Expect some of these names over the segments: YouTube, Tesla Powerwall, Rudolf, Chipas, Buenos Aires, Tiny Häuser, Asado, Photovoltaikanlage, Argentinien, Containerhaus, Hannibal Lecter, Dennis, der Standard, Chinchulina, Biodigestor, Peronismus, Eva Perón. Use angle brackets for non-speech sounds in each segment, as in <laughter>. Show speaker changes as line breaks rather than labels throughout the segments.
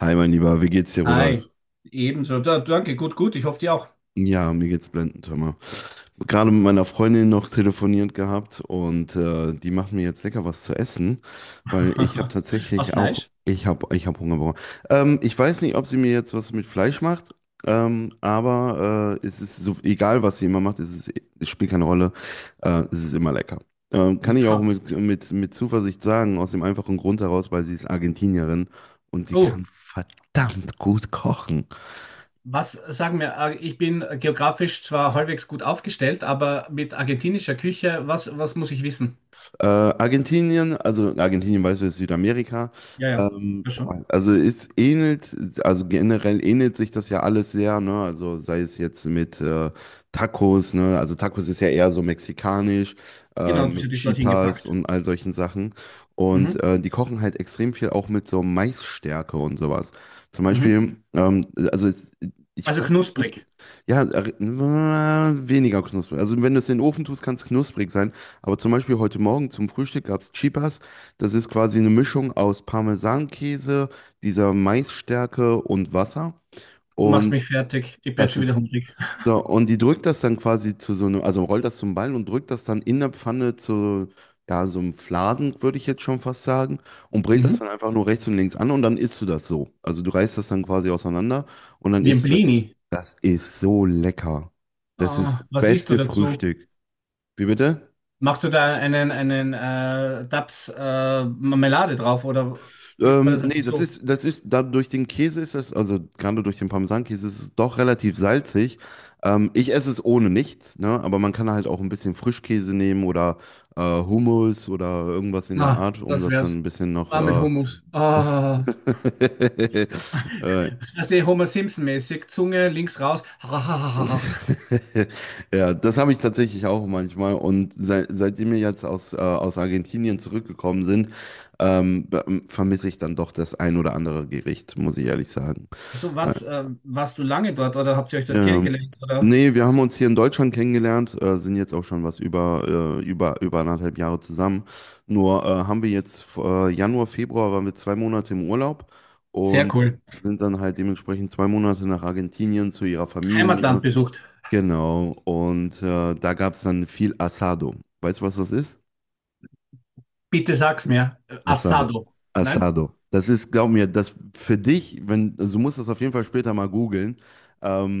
Hi, mein Lieber, wie geht's dir, Rudolf?
Hi, ebenso. Da, danke, gut, gut. Ich hoffe, dir auch.
Ja, mir geht's blendend, hör mal. Gerade mit meiner Freundin noch telefoniert gehabt und die macht mir jetzt lecker was zu essen, weil ich habe
<laughs> Aus
tatsächlich auch,
Fleisch.
ich habe Hunger bekommen. Ich weiß nicht, ob sie mir jetzt was mit Fleisch macht, aber es ist so, egal, was sie immer macht, es ist, es spielt keine Rolle, es ist immer lecker. Kann ich auch mit Zuversicht sagen, aus dem einfachen Grund heraus, weil sie ist Argentinierin und sie
Oh,
kann verdammt gut kochen.
was sagen wir? Ich bin geografisch zwar halbwegs gut aufgestellt, aber mit argentinischer Küche, was muss ich wissen?
Argentinien, also Argentinien, weißt du, ist Südamerika.
Ja, ja,
Ähm,
ja schon.
also es ähnelt, also generell ähnelt sich das ja alles sehr, ne? Also sei es jetzt mit Tacos, ne? Also Tacos ist ja eher so mexikanisch,
Genau, das
mit
hätte ich dorthin
Chipas
gepackt.
und all solchen Sachen. Und
Mhm,
die kochen halt extrem viel auch mit so Maisstärke und sowas. Zum
mhm.
Beispiel, also es, ich
Also
weiß jetzt nicht,
knusprig.
ja, weniger knusprig. Also wenn du es in den Ofen tust, kann es knusprig sein. Aber zum Beispiel heute Morgen zum Frühstück gab es Chipas. Das ist quasi eine Mischung aus Parmesankäse, dieser Maisstärke und Wasser.
Du machst
Und
mich fertig. Ich werde
das
schon wieder
ist
hungrig.
so, und die drückt das dann quasi zu so einem, also rollt das zum Ball und drückt das dann in der Pfanne zu, ja, so einem Fladen, würde ich jetzt schon fast sagen, und brät
Mhm.
das dann einfach nur rechts und links an und dann isst du das so. Also du reißt das dann quasi auseinander und dann
Wie ein
isst du das.
Blini.
Das ist so lecker. Das
Ah,
ist
was isst du
beste
dazu?
Frühstück. Wie bitte?
Machst du da einen Dabs Marmelade drauf oder isst man
Ähm,
das
nee,
einfach so?
das ist, da durch den Käse ist es, also gerade durch den Parmesankäse ist es doch relativ salzig. Ich esse es ohne nichts, ne? Aber man kann halt auch ein bisschen Frischkäse nehmen oder Hummus oder irgendwas in der
Ah,
Art, um
das
das dann
wär's.
ein bisschen noch.
Ah, mit Hummus. Ah.
<laughs> Äh,
<laughs> Das ist Homer Simpson-mäßig. Zunge links raus. <laughs>
<laughs> ja, das habe ich tatsächlich auch manchmal. Und seit, seitdem wir jetzt aus, aus Argentinien zurückgekommen sind, vermisse ich dann doch das ein oder andere Gericht, muss ich ehrlich sagen.
So,
Äh,
warst du lange dort oder habt ihr euch dort
Ja, ja.
kennengelernt? Oder?
Nee, wir haben uns hier in Deutschland kennengelernt, sind jetzt auch schon was über, über anderthalb Jahre zusammen. Nur haben wir jetzt Januar, Februar waren wir zwei Monate im Urlaub
Sehr
und
cool.
sind dann halt dementsprechend zwei Monate nach Argentinien zu ihrer Familie.
Heimatland besucht.
Genau, und da gab es dann viel Asado. Weißt du, was das ist?
Bitte sag's mir.
Asado.
Assado. Nein?
Asado. Das ist, glaub mir, das für dich, wenn, also du musst das auf jeden Fall später mal googeln.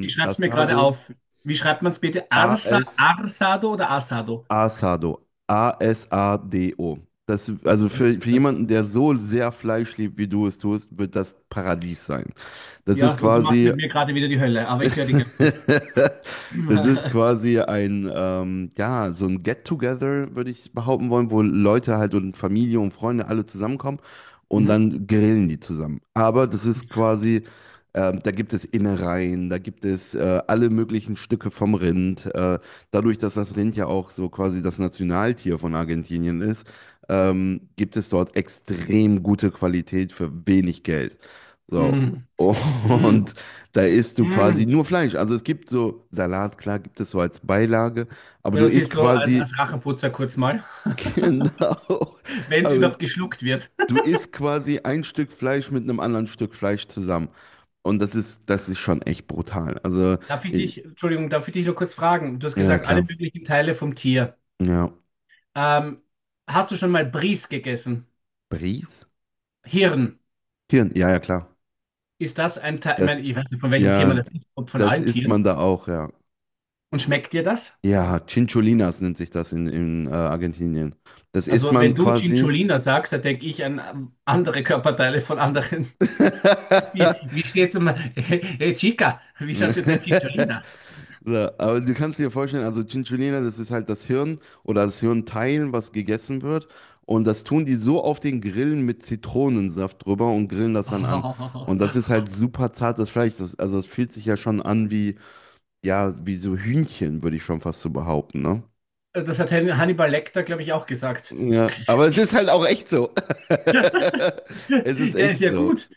Ich schreib's mir gerade
Asado.
auf. Wie schreibt man's bitte? Arsado oder Assado?
Asado. A-S-A-D-O. Das, also für jemanden, der so sehr Fleisch liebt, wie du es tust, wird das Paradies sein. Das ist
Ja, und du machst
quasi
mit mir gerade wieder die Hölle, aber ich höre dir ganz zu.
<laughs> das ist
<laughs>
quasi ein, ja, so ein Get-Together, würde ich behaupten wollen, wo Leute halt und Familie und Freunde alle zusammenkommen und
Mhm.
dann grillen die zusammen. Aber das ist quasi, da gibt es Innereien, da gibt es alle möglichen Stücke vom Rind. Dadurch, dass das Rind ja auch so quasi das Nationaltier von Argentinien ist, gibt es dort extrem gute Qualität für wenig Geld. So.
Mhm.
<laughs>
Mhm.
Und da isst du quasi
Mhm.
nur Fleisch. Also es gibt so Salat, klar, gibt es so als Beilage, aber
Ja,
du
das
isst
ist so als
quasi,
Rachenputzer kurz mal.
<laughs> genau,
Wenn es
aber
überhaupt geschluckt wird.
du isst quasi ein Stück Fleisch mit einem anderen Stück Fleisch zusammen. Und das ist schon echt brutal. Also,
Darf ich
i-
dich, Entschuldigung, darf ich dich nur kurz fragen? Du hast
ja, ja,
gesagt, alle
klar.
möglichen Teile vom Tier.
Ja.
Ähm, Hast du schon mal Bries gegessen?
Bries?
Hirn.
Hirn, ja, ja, klar.
Ist das ein Teil? Ich
Das,
meine, ich weiß nicht, von welchem Tier man
ja,
das isst, ob von
das
allen
isst man
Tieren.
da auch, ja.
Und schmeckt dir das?
Ja, Chincholinas nennt sich das in, in Argentinien. Das isst
Also, wenn
man
du
quasi.
Cinciolina sagst, da denke ich an andere Körperteile von anderen. <laughs> Wie,
<laughs>
wie steht's um <laughs> hey, Chica? Wie schaut's du denn
<laughs>
Cinciolina?
So, aber du kannst dir vorstellen, also Chinchulina, das ist halt das Hirn oder das Hirnteil, was gegessen wird. Und das tun die so auf den Grillen mit Zitronensaft drüber und grillen das dann an.
Oh,
Und das ist halt super zartes Fleisch. Das, also es fühlt sich ja schon an wie, ja, wie so Hühnchen, würde ich schon fast so behaupten, ne?
<laughs> das hat Hannibal Lecter, glaube ich, auch gesagt.
Ja, aber es ist halt
Ist.
auch echt so.
<laughs>
<laughs> Es ist
Ja, ist
echt
ja
so.
gut.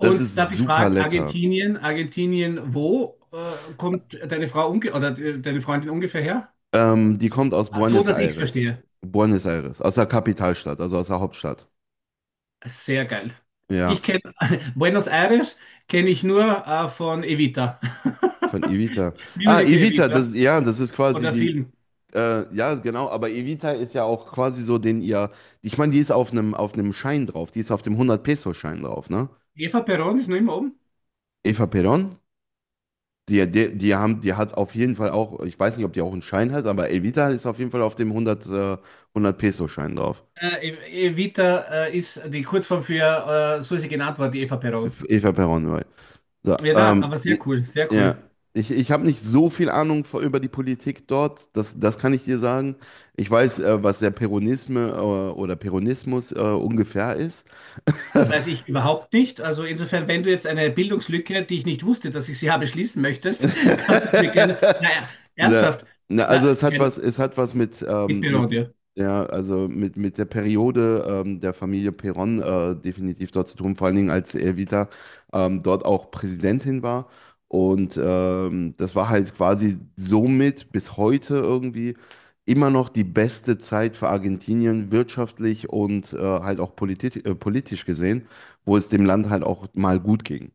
Das
darf
ist
ich
super
fragen,
lecker.
Argentinien, Argentinien, wo kommt deine Frau deine Freundin ungefähr her?
Die kommt aus
Ah, so,
Buenos
dass ich es
Aires.
verstehe.
Buenos Aires, aus der Kapitalstadt, also aus der Hauptstadt.
Sehr geil.
Ja,
Ich kenne <laughs> Buenos Aires kenne ich nur von Evita.
von Evita.
<laughs>
Ah,
Musical
Evita, das,
Evita
ja, das ist quasi
oder
die,
Film.
ja, genau, aber Evita ist ja auch quasi so den ihr, ich meine, die ist auf einem Schein drauf, die ist auf dem 100-Peso-Schein drauf, ne?
Eva Perón ist noch immer oben.
Eva Perón, die haben, die hat auf jeden Fall auch, ich weiß nicht, ob die auch einen Schein hat, aber Evita ist auf jeden Fall auf dem 100, 100-Peso-Schein drauf.
Evita ist die Kurzform so ist sie genannt worden, die Eva Perón.
Eva Perón, right. So,
Ja, na, aber sehr cool, sehr
ja,
cool.
ich habe nicht so viel Ahnung vor, über die Politik dort, das, das kann ich dir sagen. Ich weiß, was der Peronisme oder Peronismus ungefähr ist. <laughs>
Das weiß ich überhaupt nicht. Also insofern, wenn du jetzt eine Bildungslücke, die ich nicht wusste, dass ich sie habe, schließen möchtest, <laughs> kannst du mir gerne.
<laughs>
Naja,
Na,
ernsthaft.
na,
Na,
also
kein
es hat was
Mitbürger
mit,
dir.
ja, also mit der Periode der Familie Perón definitiv dort zu tun, vor allen Dingen als Evita dort auch Präsidentin war. Und das war halt quasi somit bis heute irgendwie immer noch die beste Zeit für Argentinien wirtschaftlich und halt auch politisch gesehen, wo es dem Land halt auch mal gut ging.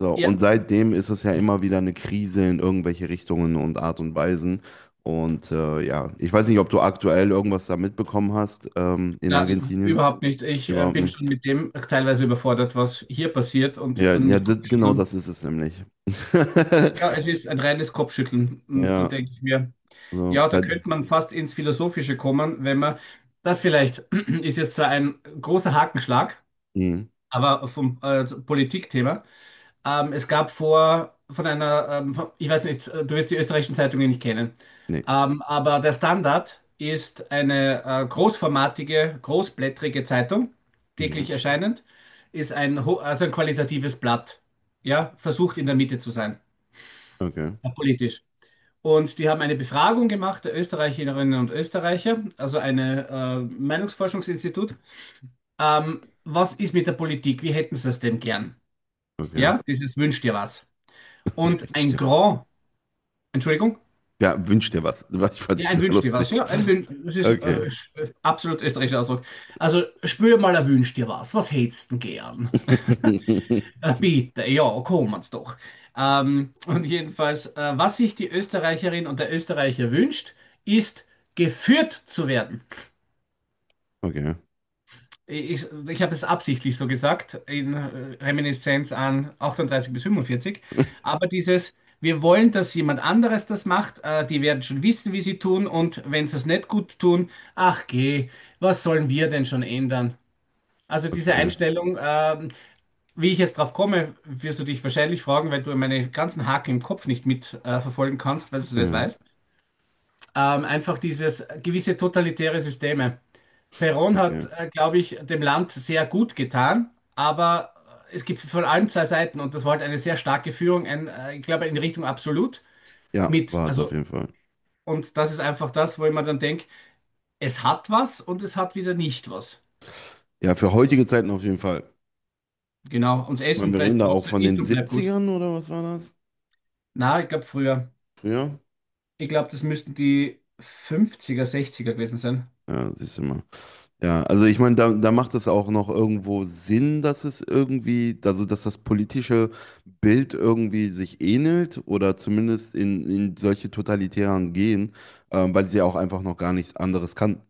So,
Ja,
und seitdem ist es ja immer wieder eine Krise in irgendwelche Richtungen und Art und Weisen. Und ja, ich weiß nicht, ob du aktuell irgendwas da mitbekommen hast in
na,
Argentinien.
überhaupt nicht. Ich
Überhaupt
bin
nicht.
schon mit dem teilweise überfordert, was hier passiert
Ja,
und
ja,
mit
das, genau
Kopfschütteln.
das ist es nämlich. <laughs>
Ja, es ist ein reines Kopfschütteln. Und da
Ja,
denke ich mir,
so,
ja, da könnte man fast ins Philosophische kommen, wenn man, das vielleicht <clears throat> ist jetzt zwar ein großer Hakenschlag,
mhm,
aber vom Politikthema. Es gab vor von einer, von, ich weiß nicht, du wirst die österreichischen Zeitungen nicht kennen,
nee.
aber der Standard ist eine großformatige, großblättrige Zeitung, täglich
Mhm,
erscheinend, ist also ein qualitatives Blatt, ja, versucht in der Mitte zu sein,
okay,
politisch. Und die haben eine Befragung gemacht der Österreicherinnen und Österreicher, also eine Meinungsforschungsinstitut. Was ist mit der Politik? Wie hätten sie es denn gern?
okay.
Ja, dieses wünscht dir was.
<laughs>
Und
Wünsch
ein
dir,
Grand Entschuldigung?
ja, wünsch dir was. <laughs> Ich fand
Ja,
dich
ein
so
Wünsch dir was.
lustig.
Ja, ein Wünsch. Das ist
Okay.
absolut österreichischer Ausdruck. Also, spür mal ein Wünsch dir was. Was hättest denn gern?
<laughs>
Bitte, ja, kommen's doch. Und jedenfalls, was sich die Österreicherin und der Österreicher wünscht, ist, geführt zu werden.
Okay.
Ich habe es absichtlich so gesagt, in Reminiszenz an 38 bis 45. Aber dieses, wir wollen, dass jemand anderes das macht, die werden schon wissen, wie sie tun und wenn sie es nicht gut tun, ach geh, was sollen wir denn schon ändern? Also diese
Okay.
Einstellung, wie ich jetzt drauf komme, wirst du dich wahrscheinlich fragen, weil du meine ganzen Haken im Kopf nicht mit verfolgen kannst, weil du es nicht
Ja,
weißt. Einfach dieses gewisse totalitäre Systeme. Perón hat,
okay.
glaube ich, dem Land sehr gut getan, aber es gibt von allen zwei Seiten und das war halt eine sehr starke Führung, ich glaube, in Richtung absolut
Ja,
mit.
war es auf
Also,
jeden Fall.
und das ist einfach das, wo ich mir dann denke, es hat was und es hat wieder nicht was.
Ja, für heutige Zeiten auf jeden Fall.
Genau, und das
Ich meine,
Essen
wir reden
bleibt
da auch von
trotzdem,
den
ist und bleibt gut.
Siebzigern oder was war das?
Na, ich glaube früher.
Früher?
Ich glaube, das müssten die 50er, 60er gewesen sein.
Ja, siehst du mal. Ja, also ich meine, da, da macht es auch noch irgendwo Sinn, dass es irgendwie, also dass das politische Bild irgendwie sich ähnelt oder zumindest in, solche totalitären gehen, weil sie auch einfach noch gar nichts anderes kannten.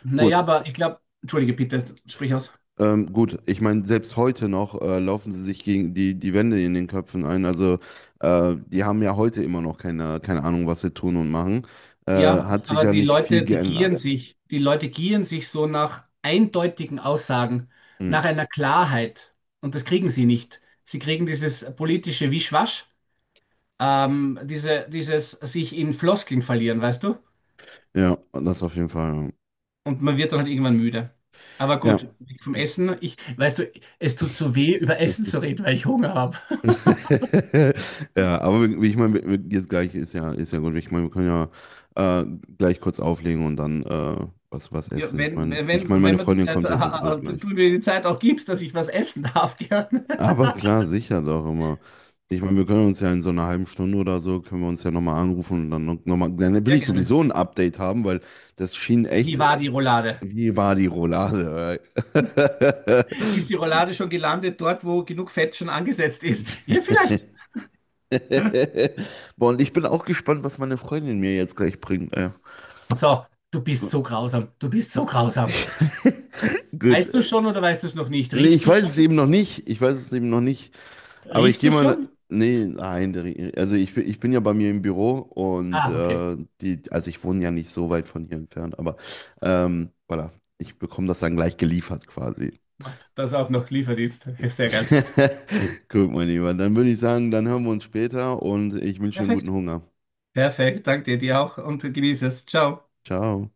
Naja,
Gut.
aber ich glaube, entschuldige bitte, sprich aus.
Gut, ich meine, selbst heute noch laufen sie sich gegen die, Wände in den Köpfen ein. Also die haben ja heute immer noch keine Ahnung, was sie tun und machen. Äh,
Ja,
hat sich
aber
ja
die
nicht viel
Leute, die gieren
geändert.
sich, die Leute gieren sich so nach eindeutigen Aussagen,
Hm.
nach einer Klarheit. Und das kriegen sie nicht. Sie kriegen dieses politische Wischwasch, dieses sich in Floskeln verlieren, weißt du?
Ja, das auf jeden Fall.
Und man wird dann halt irgendwann müde. Aber
Ja.
gut, weg vom Essen, ich, weißt du, es tut so weh, über
Ja,
Essen zu reden, weil ich Hunger habe.
<laughs> ja, aber wie ich meine, jetzt gleich ist ja gut. Ich meine, wir können ja gleich kurz auflegen und dann was
Ja,
essen. Ich
wenn,
meine,
wenn, wenn, wenn
meine
man
Freundin kommt ja sowieso
Du
gleich.
mir die Zeit auch gibst, dass ich was essen darf, <laughs> gerne.
Aber klar, sicher doch immer. Ich meine, wir können uns ja in so einer halben Stunde oder so, können wir uns ja nochmal anrufen und dann nochmal, dann will
Sehr
ich
gerne.
sowieso ein Update haben, weil das schien
Wie
echt,
war die Roulade?
wie war die Roulade?
Ist die Roulade schon gelandet dort, wo genug Fett schon angesetzt ist? Ja, vielleicht.
<laughs> Boah, und ich bin auch gespannt, was meine Freundin mir jetzt gleich bringt. Ja.
So, du bist so grausam. Du bist so grausam.
Gut.
Weißt du schon oder weißt du es noch nicht?
Nee,
Riechst
ich
du
weiß
schon?
es eben noch nicht. Ich weiß es eben noch nicht. Aber ich
Riechst
gehe
du
mal.
schon?
Nee, nein, der also ich, ich bin ja bei mir im Büro und
Ah, okay.
die, also ich wohne ja nicht so weit von hier entfernt, aber voilà, ich bekomme das dann gleich geliefert quasi.
Das auch noch Lieferdienst. Sehr geil.
<laughs> Guck mal, lieber. Dann würde ich sagen, dann hören wir uns später und ich wünsche dir einen guten
Perfekt.
Hunger.
Perfekt. Danke dir, dir auch und genieße es. Ciao.
Ciao.